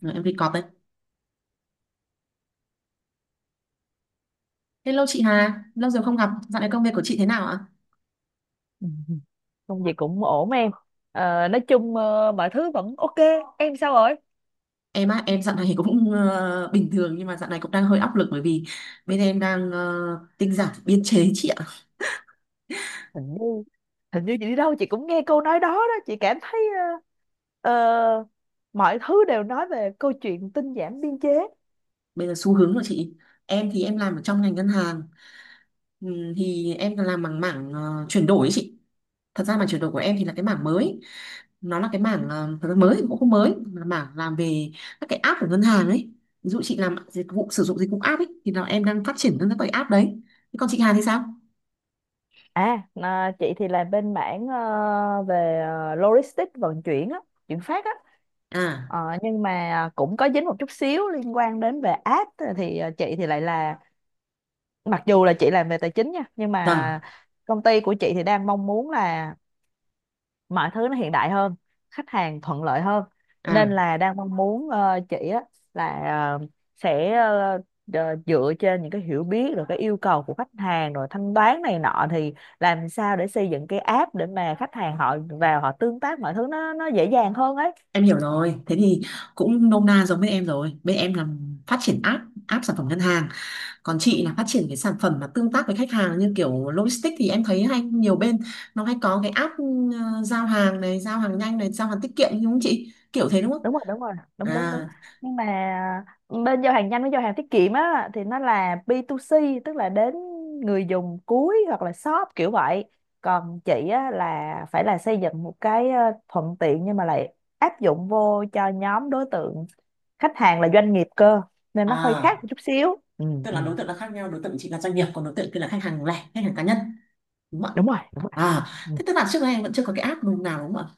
Rồi, em đi cọp đấy. Hello chị Hà, lâu rồi không gặp. Dạo này công việc của chị thế nào ạ? Ừ, ừ. Công việc cũng ổn em. Nói chung, mọi thứ vẫn ok. Em sao rồi? Em á, em dạo này cũng bình thường nhưng mà dạo này cũng đang hơi áp lực bởi vì bên em đang tinh giản biên chế chị ạ. hình như Hình như chị đi đâu chị cũng nghe câu nói đó đó, chị cảm thấy ờ, ờ, mọi thứ đều nói về câu chuyện tinh giảm biên chế. Bây giờ xu hướng của chị. Em thì em làm ở trong ngành ngân hàng. Thì em làm bằng mảng chuyển đổi ấy chị. Thật ra mảng chuyển đổi của em thì là cái mảng mới. Nó là cái mảng thật ra mới thì cũng không mới, là mảng làm về các cái app của ngân hàng ấy. Ví dụ chị làm dịch vụ sử dụng dịch vụ app ấy thì là em đang phát triển các cái app đấy. Thế còn chị Hà thì sao? Chị thì làm bên mảng, về logistics vận chuyển á, chuyển phát á. À, Ờ, nhưng mà cũng có dính một chút xíu liên quan đến về app thì, chị thì lại là mặc dù là chị làm về tài chính nha nhưng vâng. mà công ty của chị thì đang mong muốn là mọi thứ nó hiện đại hơn, khách hàng thuận lợi hơn, nên À, là đang mong muốn chị á là ờ, sẽ dựa trên những cái hiểu biết rồi cái yêu cầu của khách hàng rồi thanh toán này nọ thì làm sao để xây dựng cái app để mà khách hàng họ vào họ tương tác mọi thứ nó dễ dàng hơn ấy. em hiểu rồi. Thế thì cũng nôm na giống bên em rồi. Bên em là phát triển app, app sản phẩm ngân hàng. Còn chị là phát triển cái sản phẩm mà tương tác với khách hàng như kiểu logistics thì em thấy hay nhiều bên nó hay có cái app, giao hàng này, giao hàng nhanh này, giao hàng tiết kiệm đúng không chị? Kiểu thế đúng không? Đúng rồi, đúng rồi, đúng đúng đúng. À, Nhưng mà bên giao hàng nhanh với giao hàng tiết kiệm á thì nó là B2C, tức là đến người dùng cuối hoặc là shop kiểu vậy. Còn chị á là phải là xây dựng một cái, thuận tiện nhưng mà lại áp dụng vô cho nhóm đối tượng khách hàng là doanh nghiệp cơ, nên nó hơi khác à, một chút xíu. Ừ, tức ừ. là đối tượng là khác nhau, đối tượng chị là doanh nghiệp, còn đối tượng kia là khách hàng lẻ, khách hàng cá nhân, đúng không ạ? Đúng rồi, đúng rồi. À, Ừ. thế tức là trước đây em vẫn chưa có cái app nào đúng không ạ?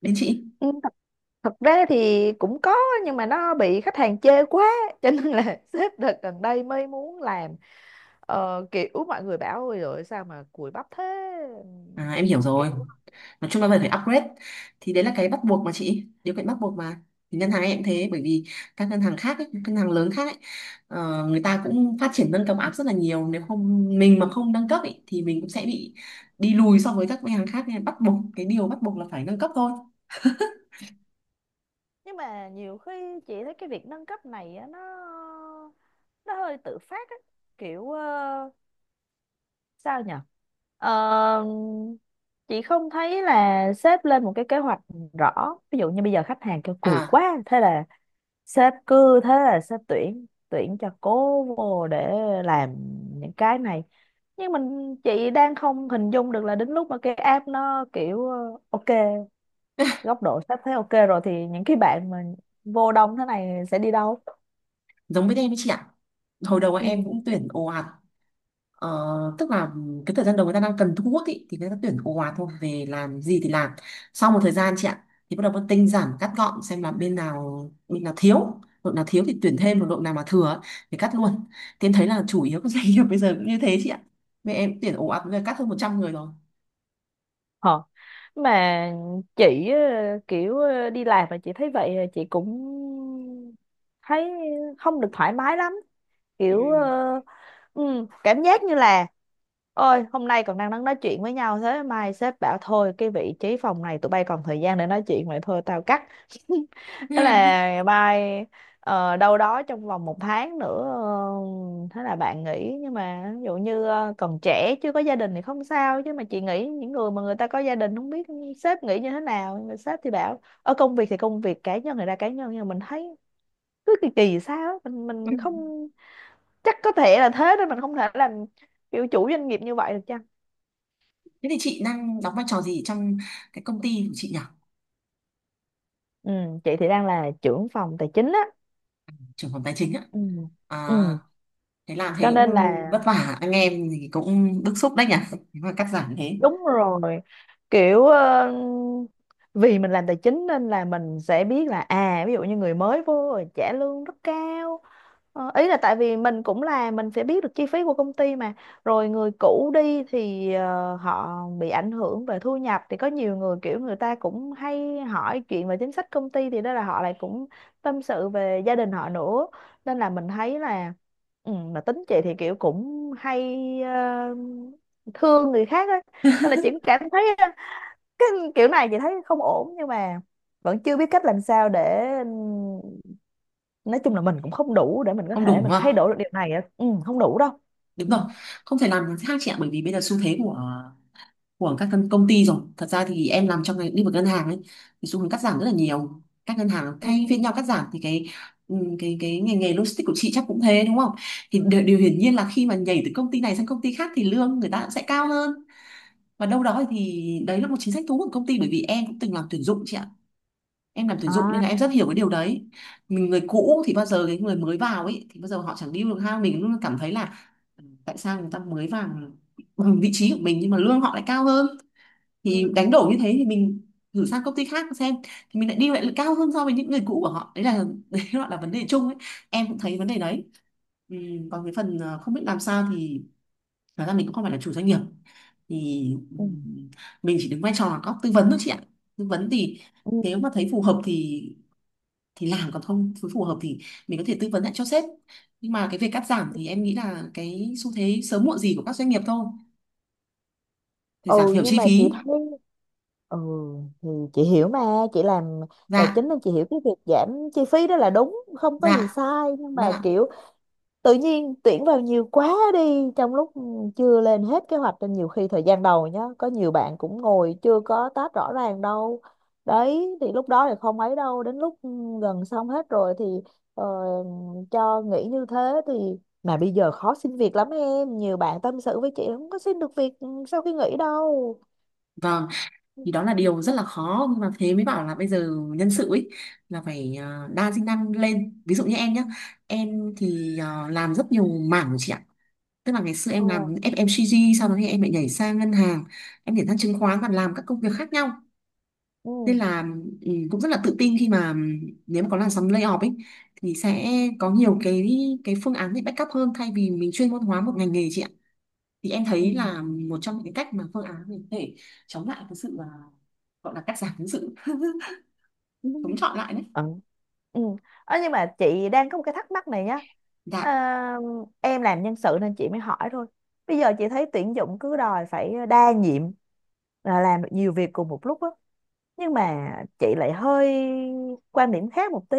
Đến chị. Ừ, thật ra thì cũng có nhưng mà nó bị khách hàng chê quá cho nên là sếp đợt gần đây mới muốn làm. Ờ, kiểu mọi người bảo ôi rồi sao mà cùi bắp thế. Ừm, À, em hiểu rồi. Kiểu Nói chung là phải phải upgrade, thì đấy là cái bắt buộc mà chị, điều kiện bắt buộc mà. Thì ngân hàng em cũng thế bởi vì các ngân hàng khác ấy, các ngân hàng lớn khác ấy, người ta cũng phát triển nâng cấp app rất là nhiều, nếu không mình mà không nâng cấp ấy, thì mình cũng sẽ bị đi lùi so với các ngân hàng khác, nên bắt buộc cái điều bắt buộc là phải nâng cấp thôi. nhưng mà nhiều khi chị thấy cái việc nâng cấp này á, nó hơi tự phát á, kiểu sao nhỉ. Ờ, chị không thấy là sếp lên một cái kế hoạch rõ, ví dụ như bây giờ khách hàng kêu cùi À, quá thế là sếp cứ thế là sếp tuyển tuyển cho cố vô để làm những cái này. Nhưng mình chị đang không hình dung được là đến lúc mà cái app nó kiểu ok, góc độ sếp thấy ok rồi thì những cái bạn mà vô đông thế này sẽ đi đâu. giống với em ấy chị ạ, hồi đầu em Ừ. cũng tuyển ồ ạt. Ờ, tức là cái thời gian đầu người ta đang cần thu hút ý, thì người ta tuyển ồ ạt thôi, về làm gì thì làm. Sau một thời gian chị ạ, thì bắt đầu phân tinh giảm cắt gọn xem là bên nào thiếu, đội nào thiếu thì tuyển Ừ. thêm, còn đội nào mà thừa ấy, thì cắt luôn. Thì em thấy là chủ yếu các doanh nghiệp bây giờ cũng như thế chị ạ, mẹ em tuyển ồ ạt bây giờ cắt hơn 100 người rồi. Ờ. Mà chị kiểu đi làm mà chị thấy vậy, chị cũng thấy không được thoải mái lắm, Ừ. kiểu cảm giác như là ôi hôm nay còn đang đang nói chuyện với nhau thế mai sếp bảo thôi cái vị trí phòng này tụi bay còn thời gian để nói chuyện vậy thôi tao cắt. Thế Ừ. là mai đâu đó trong vòng 1 tháng nữa thế là bạn nghỉ. Nhưng mà ví dụ như còn trẻ chưa có gia đình thì không sao, chứ mà chị nghĩ những người mà người ta có gia đình không biết sếp nghĩ như thế nào, nhưng mà sếp thì bảo ở công việc thì công việc, cá nhân thì ra cá nhân. Nhưng mà mình thấy cứ kỳ kỳ sao á, mình không, chắc có thể là thế nên mình không thể làm kiểu chủ doanh nghiệp như vậy được chăng. thế thì chị đang đóng vai trò gì trong cái công ty của chị nhỉ? Ừ, chị thì đang là trưởng phòng tài chính á. Trưởng phòng tài chính á? Ừ, À, ừ, thế làm thì cho nên cũng là vất vả anh em thì cũng bức xúc đấy nhỉ. Thế mà cắt giảm thế, đúng rồi, kiểu vì mình làm tài chính nên là mình sẽ biết là, à ví dụ như người mới vô rồi trả lương rất cao. Ờ, ý là tại vì mình cũng là mình sẽ biết được chi phí của công ty mà. Rồi người cũ đi thì họ bị ảnh hưởng về thu nhập thì có nhiều người kiểu người ta cũng hay hỏi chuyện về chính sách công ty thì đó là họ lại cũng tâm sự về gia đình họ nữa, nên là mình thấy là, ừ, mà tính chị thì kiểu cũng hay ờ, thương người khác ấy. Nên là chị cũng cảm thấy cái kiểu này chị thấy không ổn nhưng mà vẫn chưa biết cách làm sao để, nói chung là mình cũng không đủ để mình có không đủ thể đúng mình không? thay đổi được điều này á. Ừ, không đủ đâu. Đúng Ừ. rồi, không thể làm khác chị ạ bởi vì bây giờ xu thế của các công công ty rồi. Thật ra thì em làm trong ngành lĩnh vực ngân hàng ấy, thì xu hướng cắt giảm rất là nhiều, các ngân hàng Ừ. thay phiên nhau cắt giảm thì cái ngành nghề logistics của chị chắc cũng thế đúng không? Thì điều hiển nhiên là khi mà nhảy từ công ty này sang công ty khác thì lương người ta cũng sẽ cao hơn, và đâu đó thì đấy là một chính sách thu hút của công ty, bởi vì em cũng từng làm tuyển dụng chị ạ, em làm tuyển dụng nên À, là em rất hiểu cái điều đấy. Mình người cũ thì bao giờ cái người mới vào ấy thì bao giờ họ chẳng điêu được, ha mình luôn cảm thấy là ừ, tại sao người ta mới vào bằng vị trí của mình nhưng mà lương họ lại cao hơn. ừ. Thì đánh đổi như thế thì mình thử sang công ty khác xem, thì mình lại đi lại là cao hơn so với những người cũ của họ, đấy là đấy gọi là vấn đề chung ấy. Em cũng thấy vấn đề đấy. Ừ, còn cái phần không biết làm sao thì thật ra mình cũng không phải là chủ doanh nghiệp thì ừ, Ừ. mình chỉ đứng vai trò là có tư vấn thôi chị ạ. Tư vấn thì Ừ. nếu mà thấy phù hợp thì làm, còn không phù phù hợp thì mình có thể tư vấn lại cho sếp. Nhưng mà cái việc cắt giảm thì em nghĩ là cái xu thế sớm muộn gì của các doanh nghiệp thôi, để Ừ giảm thiểu nhưng chi mà chị phí. thấy, ừ thì chị hiểu mà, chị làm tài chính Dạ, nên chị hiểu cái việc giảm chi phí đó là đúng không có gì dạ, sai. Nhưng vâng mà ạ. kiểu tự nhiên tuyển vào nhiều quá đi, trong lúc chưa lên hết kế hoạch nên nhiều khi thời gian đầu nhá có nhiều bạn cũng ngồi chưa có tách rõ ràng đâu. Đấy thì lúc đó thì không ấy đâu, đến lúc, ừ, gần xong hết rồi thì ờ, cho nghỉ như thế. Thì mà bây giờ khó xin việc lắm em, nhiều bạn tâm sự với chị không có xin được việc, ừ, sau khi nghỉ đâu. Vâng, thì đó là điều rất là khó, nhưng mà thế mới bảo là bây giờ nhân sự ấy là phải đa sinh năng lên, ví dụ như em nhé. Em thì làm rất nhiều mảng chị ạ, tức là ngày xưa ờ em làm FMCG, sau đó thì em lại nhảy sang ngân hàng, em nhảy sang chứng khoán và làm các công việc khác nhau. ừ, Nên là ừ, cũng rất là tự tin khi mà ừ, nếu mà có làn sóng layoff ấy thì sẽ có nhiều cái phương án để backup hơn, thay vì mình chuyên môn hóa một ngành nghề chị ạ. Thì em thấy là một trong những cái cách mà phương án mình có thể chống lại cái sự à, gọi là cắt giảm, cái sự ừ. chống chọi lại đấy. Ờ. Ừ. Ờ, nhưng mà chị đang có một cái thắc mắc này nhá, Dạ à, em làm nhân sự nên chị mới hỏi thôi. Bây giờ chị thấy tuyển dụng cứ đòi phải đa nhiệm, là làm được nhiều việc cùng một lúc á. Nhưng mà chị lại hơi quan điểm khác một tí,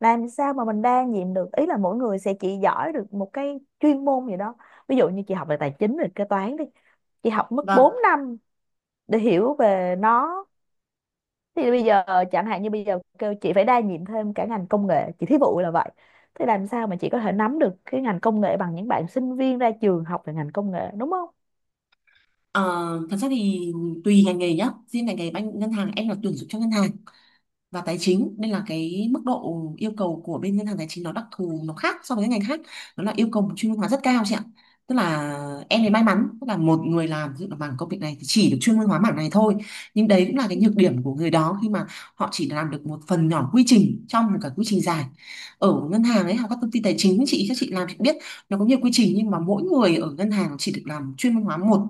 làm sao mà mình đa nhiệm được, ý là mỗi người sẽ chỉ giỏi được một cái chuyên môn gì đó. Ví dụ như chị học về tài chính về kế toán đi, chị học mất vâng. 4 năm để hiểu về nó. Thì bây giờ chẳng hạn như bây giờ kêu chị phải đa nhiệm thêm cả ngành công nghệ, chị thí dụ là vậy, thế làm sao mà chị có thể nắm được cái ngành công nghệ bằng những bạn sinh viên ra trường học về ngành công nghệ đúng không? Ờ, thật ra thì tùy ngành nghề nhá, riêng ngành nghề banh ngân hàng em là tuyển dụng cho ngân hàng và tài chính nên là cái mức độ yêu cầu của bên ngân hàng tài chính nó đặc thù, nó khác so với các ngành khác, đó là yêu cầu một chuyên môn hóa rất cao chị ạ. Tức là em ấy may mắn, tức là một người làm ví dụ là mảng công việc này thì chỉ được chuyên môn hóa mảng này thôi. Nhưng đấy cũng là cái nhược điểm của người đó khi mà họ chỉ làm được một phần nhỏ quy trình trong một cái quy trình dài. Ở ngân hàng ấy hoặc các công ty tài chính chị, các chị làm chị biết, nó có nhiều quy trình nhưng mà mỗi người ở ngân hàng chỉ được làm chuyên môn hóa một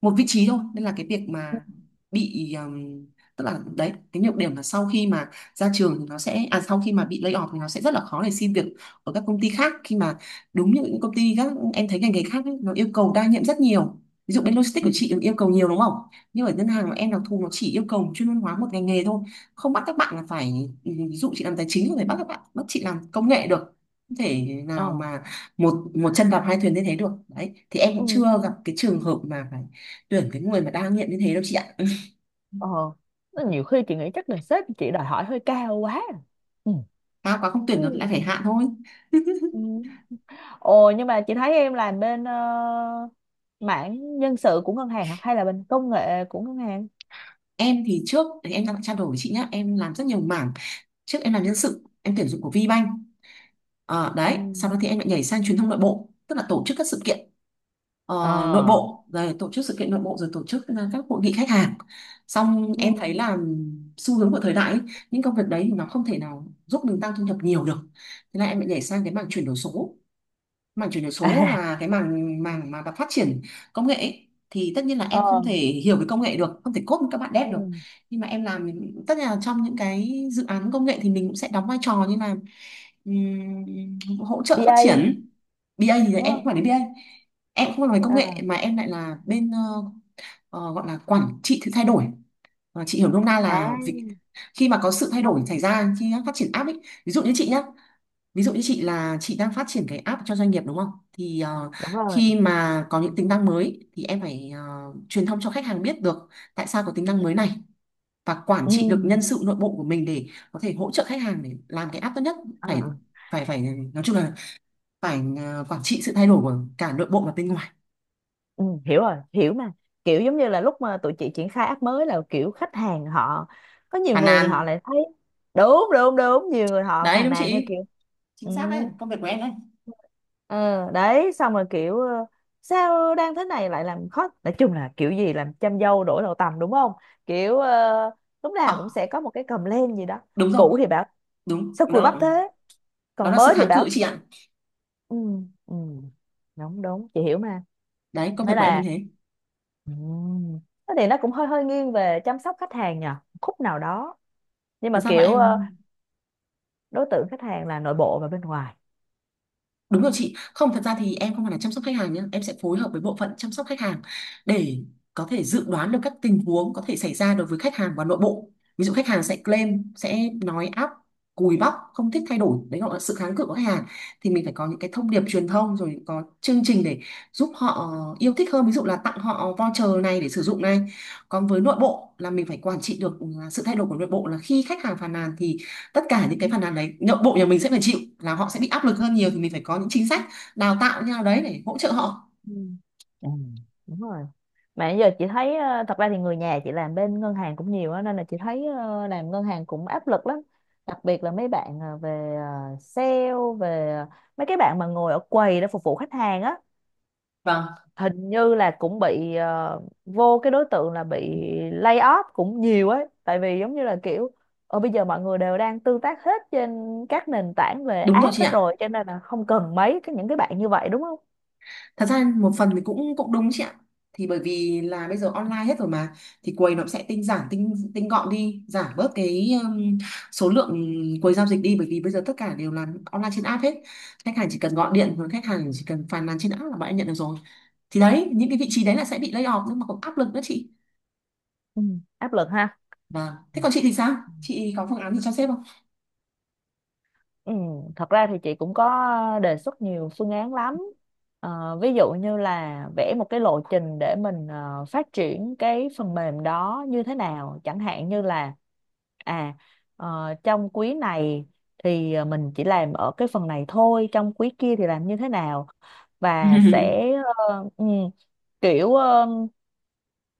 một vị trí thôi. Nên là cái việc mà bị tức là đấy cái nhược điểm là sau khi mà ra trường thì nó sẽ à sau khi mà bị lay off thì nó sẽ rất là khó để xin việc ở các công ty khác, khi mà đúng như những công ty các em thấy ngành nghề khác ấy, nó yêu cầu đa nhiệm rất nhiều. Ví dụ bên logistics Ừ. của chị yêu cầu nhiều đúng không? Nhưng ở ngân hàng của em đặc thù nó chỉ yêu cầu chuyên môn hóa một ngành nghề thôi, không bắt các bạn là phải, ví dụ chị làm tài chính không thể bắt các bạn bắt chị làm công nghệ được, không thể nào ờ mà một một chân đạp hai thuyền như thế được. Đấy thì em cũng chưa ừ. gặp cái trường hợp mà phải tuyển cái người mà đa nghiện như thế đâu chị ạ. ờ Nó nhiều khi chị nghĩ chắc là sếp chị đòi hỏi hơi cao quá. Ừ. Cao quá không tuyển Ừ. được lại phải hạ thôi. Ừ. Ồ nhưng mà chị thấy em làm bên, mảng nhân sự của ngân hàng hả? Hay là bên công nghệ của ngân hàng? em thì trước thì em đang trao đổi với chị nhá, em làm rất nhiều mảng, trước em làm nhân sự em tuyển dụng của VBank. Ờ, Ừ. đấy sau đó thì em lại nhảy sang truyền thông nội bộ, tức là tổ chức các sự kiện ờ, nội ờ bộ, rồi tổ chức sự kiện nội bộ, rồi tổ chức các hội nghị khách hàng. Xong Ừ. em thấy là xu hướng của thời đại ấy, những công việc đấy thì nó không thể nào giúp mình tăng thu nhập nhiều được. Thế là em lại nhảy sang cái mảng chuyển đổi số. Mảng chuyển đổi số À. là cái mảng mảng mà phát triển công nghệ ấy. Thì tất nhiên là ờ em không thể hiểu về công nghệ được, không thể code với các bạn ừ. dev được, nhưng mà em làm, tất nhiên là trong những cái dự án công nghệ thì mình cũng sẽ đóng vai trò như là hỗ trợ phát BA triển. BA, thì em đúng cũng phải đến BA, em cũng không làm về công nghệ không? mà em lại là bên gọi là quản trị sự thay đổi. Ờ, chị hiểu nôm na À là vị, khi mà có sự thay không, đổi xảy ra khi phát triển app ấy, ví dụ như chị nhá. Ví dụ như chị là chị đang phát triển cái app cho doanh nghiệp đúng không? Thì đúng rồi. khi mà có những tính năng mới thì em phải truyền thông cho khách hàng biết được tại sao có tính năng mới này, và quản Ừ. trị được nhân sự nội bộ của mình để có thể hỗ trợ khách hàng để làm cái app tốt nhất. ờ Phải ờ. phải phải nói chung là phải quản trị sự thay đổi của cả nội bộ và bên ngoài. Ừ, hiểu rồi, hiểu mà. Kiểu giống như là lúc mà tụi chị triển khai app mới là kiểu khách hàng họ, có nhiều Phàn người thì nàn. họ lại thấy. Đúng đúng đúng, nhiều người họ Đấy phàn đúng nàn theo chị. kiểu. Chính Ừ. xác đấy, công việc của em đấy. ờ, Đấy xong rồi kiểu sao đang thế này lại làm khó, nói chung là kiểu gì làm chăm dâu đổi đầu tằm đúng không, kiểu lúc Họ nào cũng sẽ có một cái cầm lên gì đó. đúng rồi, Cũ thì bảo đúng. sao cùi Đó, bắp thế, đó còn là sự mới thì kháng bảo. cự chị ạ. Ừ, ừ, đúng đúng, chị hiểu mà. Đấy, công việc Nghĩa của em như là, thế. ừ, thế thì nó cũng hơi hơi nghiêng về chăm sóc khách hàng nhờ, khúc nào đó. Nhưng Thật mà ra bọn kiểu em. đối tượng khách hàng là nội bộ và bên ngoài. Đúng rồi chị, không, thật ra thì em không phải là chăm sóc khách hàng nhé, em sẽ phối hợp với bộ phận chăm sóc khách hàng để có thể dự đoán được các tình huống có thể xảy ra đối với khách hàng và nội bộ. Ví dụ khách hàng sẽ claim, sẽ nói áp, cùi bắp, không thích thay đổi, đấy gọi là sự kháng cự của khách hàng. Thì mình phải có những cái thông điệp truyền thông rồi có chương trình để giúp họ yêu thích hơn, ví dụ là tặng họ voucher này để sử dụng này. Còn với nội bộ là mình phải quản trị được sự thay đổi của nội bộ, là khi khách hàng phàn nàn thì tất cả những cái Ừ. phản ánh đấy nội bộ nhà mình sẽ phải chịu, là họ sẽ bị áp lực hơn nhiều, thì mình phải có những chính sách đào tạo như nào đấy để hỗ trợ họ. Ừ. Ừ, đúng rồi. Mà bây giờ chị thấy thật ra thì người nhà chị làm bên ngân hàng cũng nhiều á, nên là chị thấy làm ngân hàng cũng áp lực lắm, đặc biệt là mấy bạn về sale, về mấy cái bạn mà ngồi ở quầy để phục vụ khách hàng á. Vâng, Hình như là cũng bị vô cái đối tượng là bị lay off cũng nhiều ấy, tại vì giống như là kiểu ở bây giờ mọi người đều đang tương tác hết trên các nền tảng về đúng rồi app chị hết ạ, rồi, cho nên là không cần mấy cái những cái bạn như vậy đúng không? thật ra một phần thì cũng cũng đúng chị ạ, thì bởi vì là bây giờ online hết rồi mà, thì quầy nó cũng sẽ tinh giản, tinh tinh gọn đi, giảm bớt cái số lượng quầy giao dịch đi, bởi vì bây giờ tất cả đều làm online trên app hết, khách hàng chỉ cần gọi điện hoặc khách hàng chỉ cần phàn nàn trên app là bạn em nhận được rồi. Thì đấy, những cái vị trí đấy là sẽ bị lay off, nhưng mà cũng áp lực nữa chị. Ừ, áp lực ha. Vâng, Ừ. thế còn chị thì sao, chị có phương án gì cho sếp không? Ừ, thật ra thì chị cũng có đề xuất nhiều phương án lắm. Ờ, ví dụ như là vẽ một cái lộ trình để mình phát triển cái phần mềm đó như thế nào. Chẳng hạn như là, à, trong quý này thì mình chỉ làm ở cái phần này thôi, trong quý kia thì làm như thế nào. Và sẽ ừ, kiểu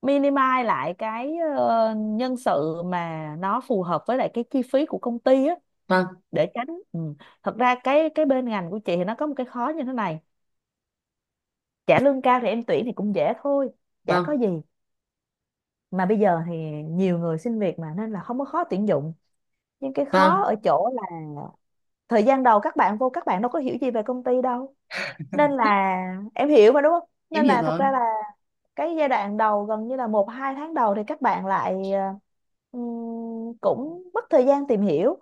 minimize lại cái nhân sự mà nó phù hợp với lại cái chi phí của công ty á, Vâng, để tránh. Ừ. Thật ra cái bên ngành của chị thì nó có một cái khó như thế này, trả lương cao thì em tuyển thì cũng dễ thôi, chả có vâng, gì. Mà bây giờ thì nhiều người xin việc mà nên là không có khó tuyển dụng, nhưng cái khó vâng, ở chỗ là thời gian đầu các bạn vô các bạn đâu có hiểu gì về công ty đâu, nên là em hiểu mà đúng không, em nên hiểu là thật rồi. ra là cái giai đoạn đầu gần như là 1-2 tháng đầu thì các bạn lại cũng mất thời gian tìm hiểu.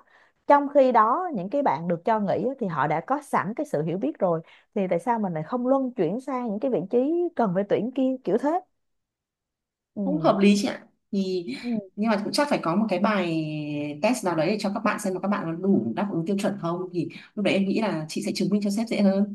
Trong khi đó những cái bạn được cho nghỉ á, thì họ đã có sẵn cái sự hiểu biết rồi, thì tại sao mình lại không luân chuyển sang những cái vị trí cần phải tuyển kia, kiểu thế. Cũng Ừ. hợp lý chị ạ. Thì Ừ. nhưng mà cũng chắc phải có một cái bài test nào đấy để cho các bạn xem là các bạn có đủ đáp ứng tiêu chuẩn không, thì lúc đấy em nghĩ là chị sẽ chứng minh cho sếp dễ hơn.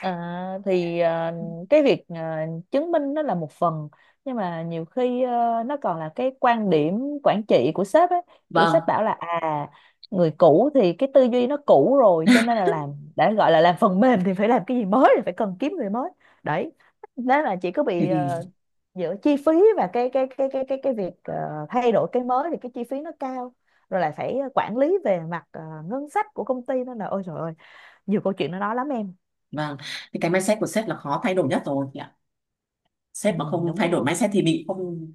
À, thì à, cái việc à, chứng minh nó là một phần nhưng mà nhiều khi nó còn là cái quan điểm quản trị của sếp ấy, kiểu Vâng, sếp bảo là à người cũ thì cái tư duy nó cũ rồi cho nên là làm, đã gọi là làm phần mềm thì phải làm cái gì mới thì phải cần kiếm người mới. Đấy, đó là chỉ có thế bị thì giữa chi phí và cái việc thay đổi cái mới thì cái chi phí nó cao, rồi lại phải quản lý về mặt ngân sách của công ty nên là ôi trời ơi, nhiều câu chuyện nó nói lắm em. vâng, thì cái mindset của sếp là khó thay đổi nhất rồi chị ạ. Ừ, Sếp mà không đúng thay đổi rồi. mindset thì bị không.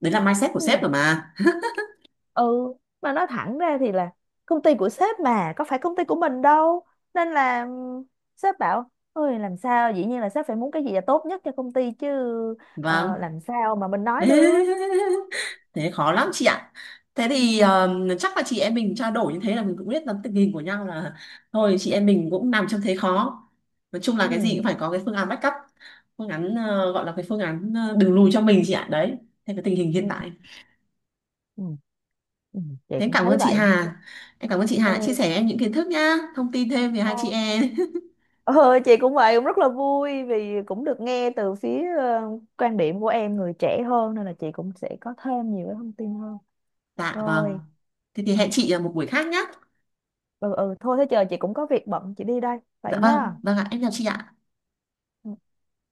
Đấy là mindset của Nhưng mà, sếp rồi mà. ừ, mà nói thẳng ra thì là công ty của sếp mà có phải công ty của mình đâu, nên là sếp bảo ôi làm sao dĩ nhiên là sếp phải muốn cái gì là tốt nhất cho công ty chứ, Vâng. làm sao mà mình nói được. Thế khó lắm chị ạ. Thế thì Ừ, chắc là chị em mình trao đổi như thế là mình cũng biết lắm tình hình của nhau, là thôi chị em mình cũng nằm trong thế khó. Nói chung là cái gì ừ, cũng phải có cái phương án backup, phương án gọi là cái phương án đường lùi cho mình chị ạ. Đấy, thế cái tình hình ừ, hiện tại. ừ, ừ. Chị Thế em cũng cảm thấy ơn chị vậy. Hà, em cảm ơn chị Hà đã chia Ừ, sẻ em những kiến thức nhá, thông tin thêm về hai chị ừ. em. Ừ, chị cũng vậy, cũng rất là vui vì cũng được nghe từ phía, quan điểm của em người trẻ hơn nên là chị cũng sẽ có thêm nhiều cái thông tin hơn. Dạ vâng, Rồi. thế thì Ừ, hẹn chị ở một buổi khác nhá. ừ, ừ thôi thế chờ chị cũng có việc bận chị đi đây vậy Dạ vâng, nhá. vâng ạ, em chào chị ạ. Ừ.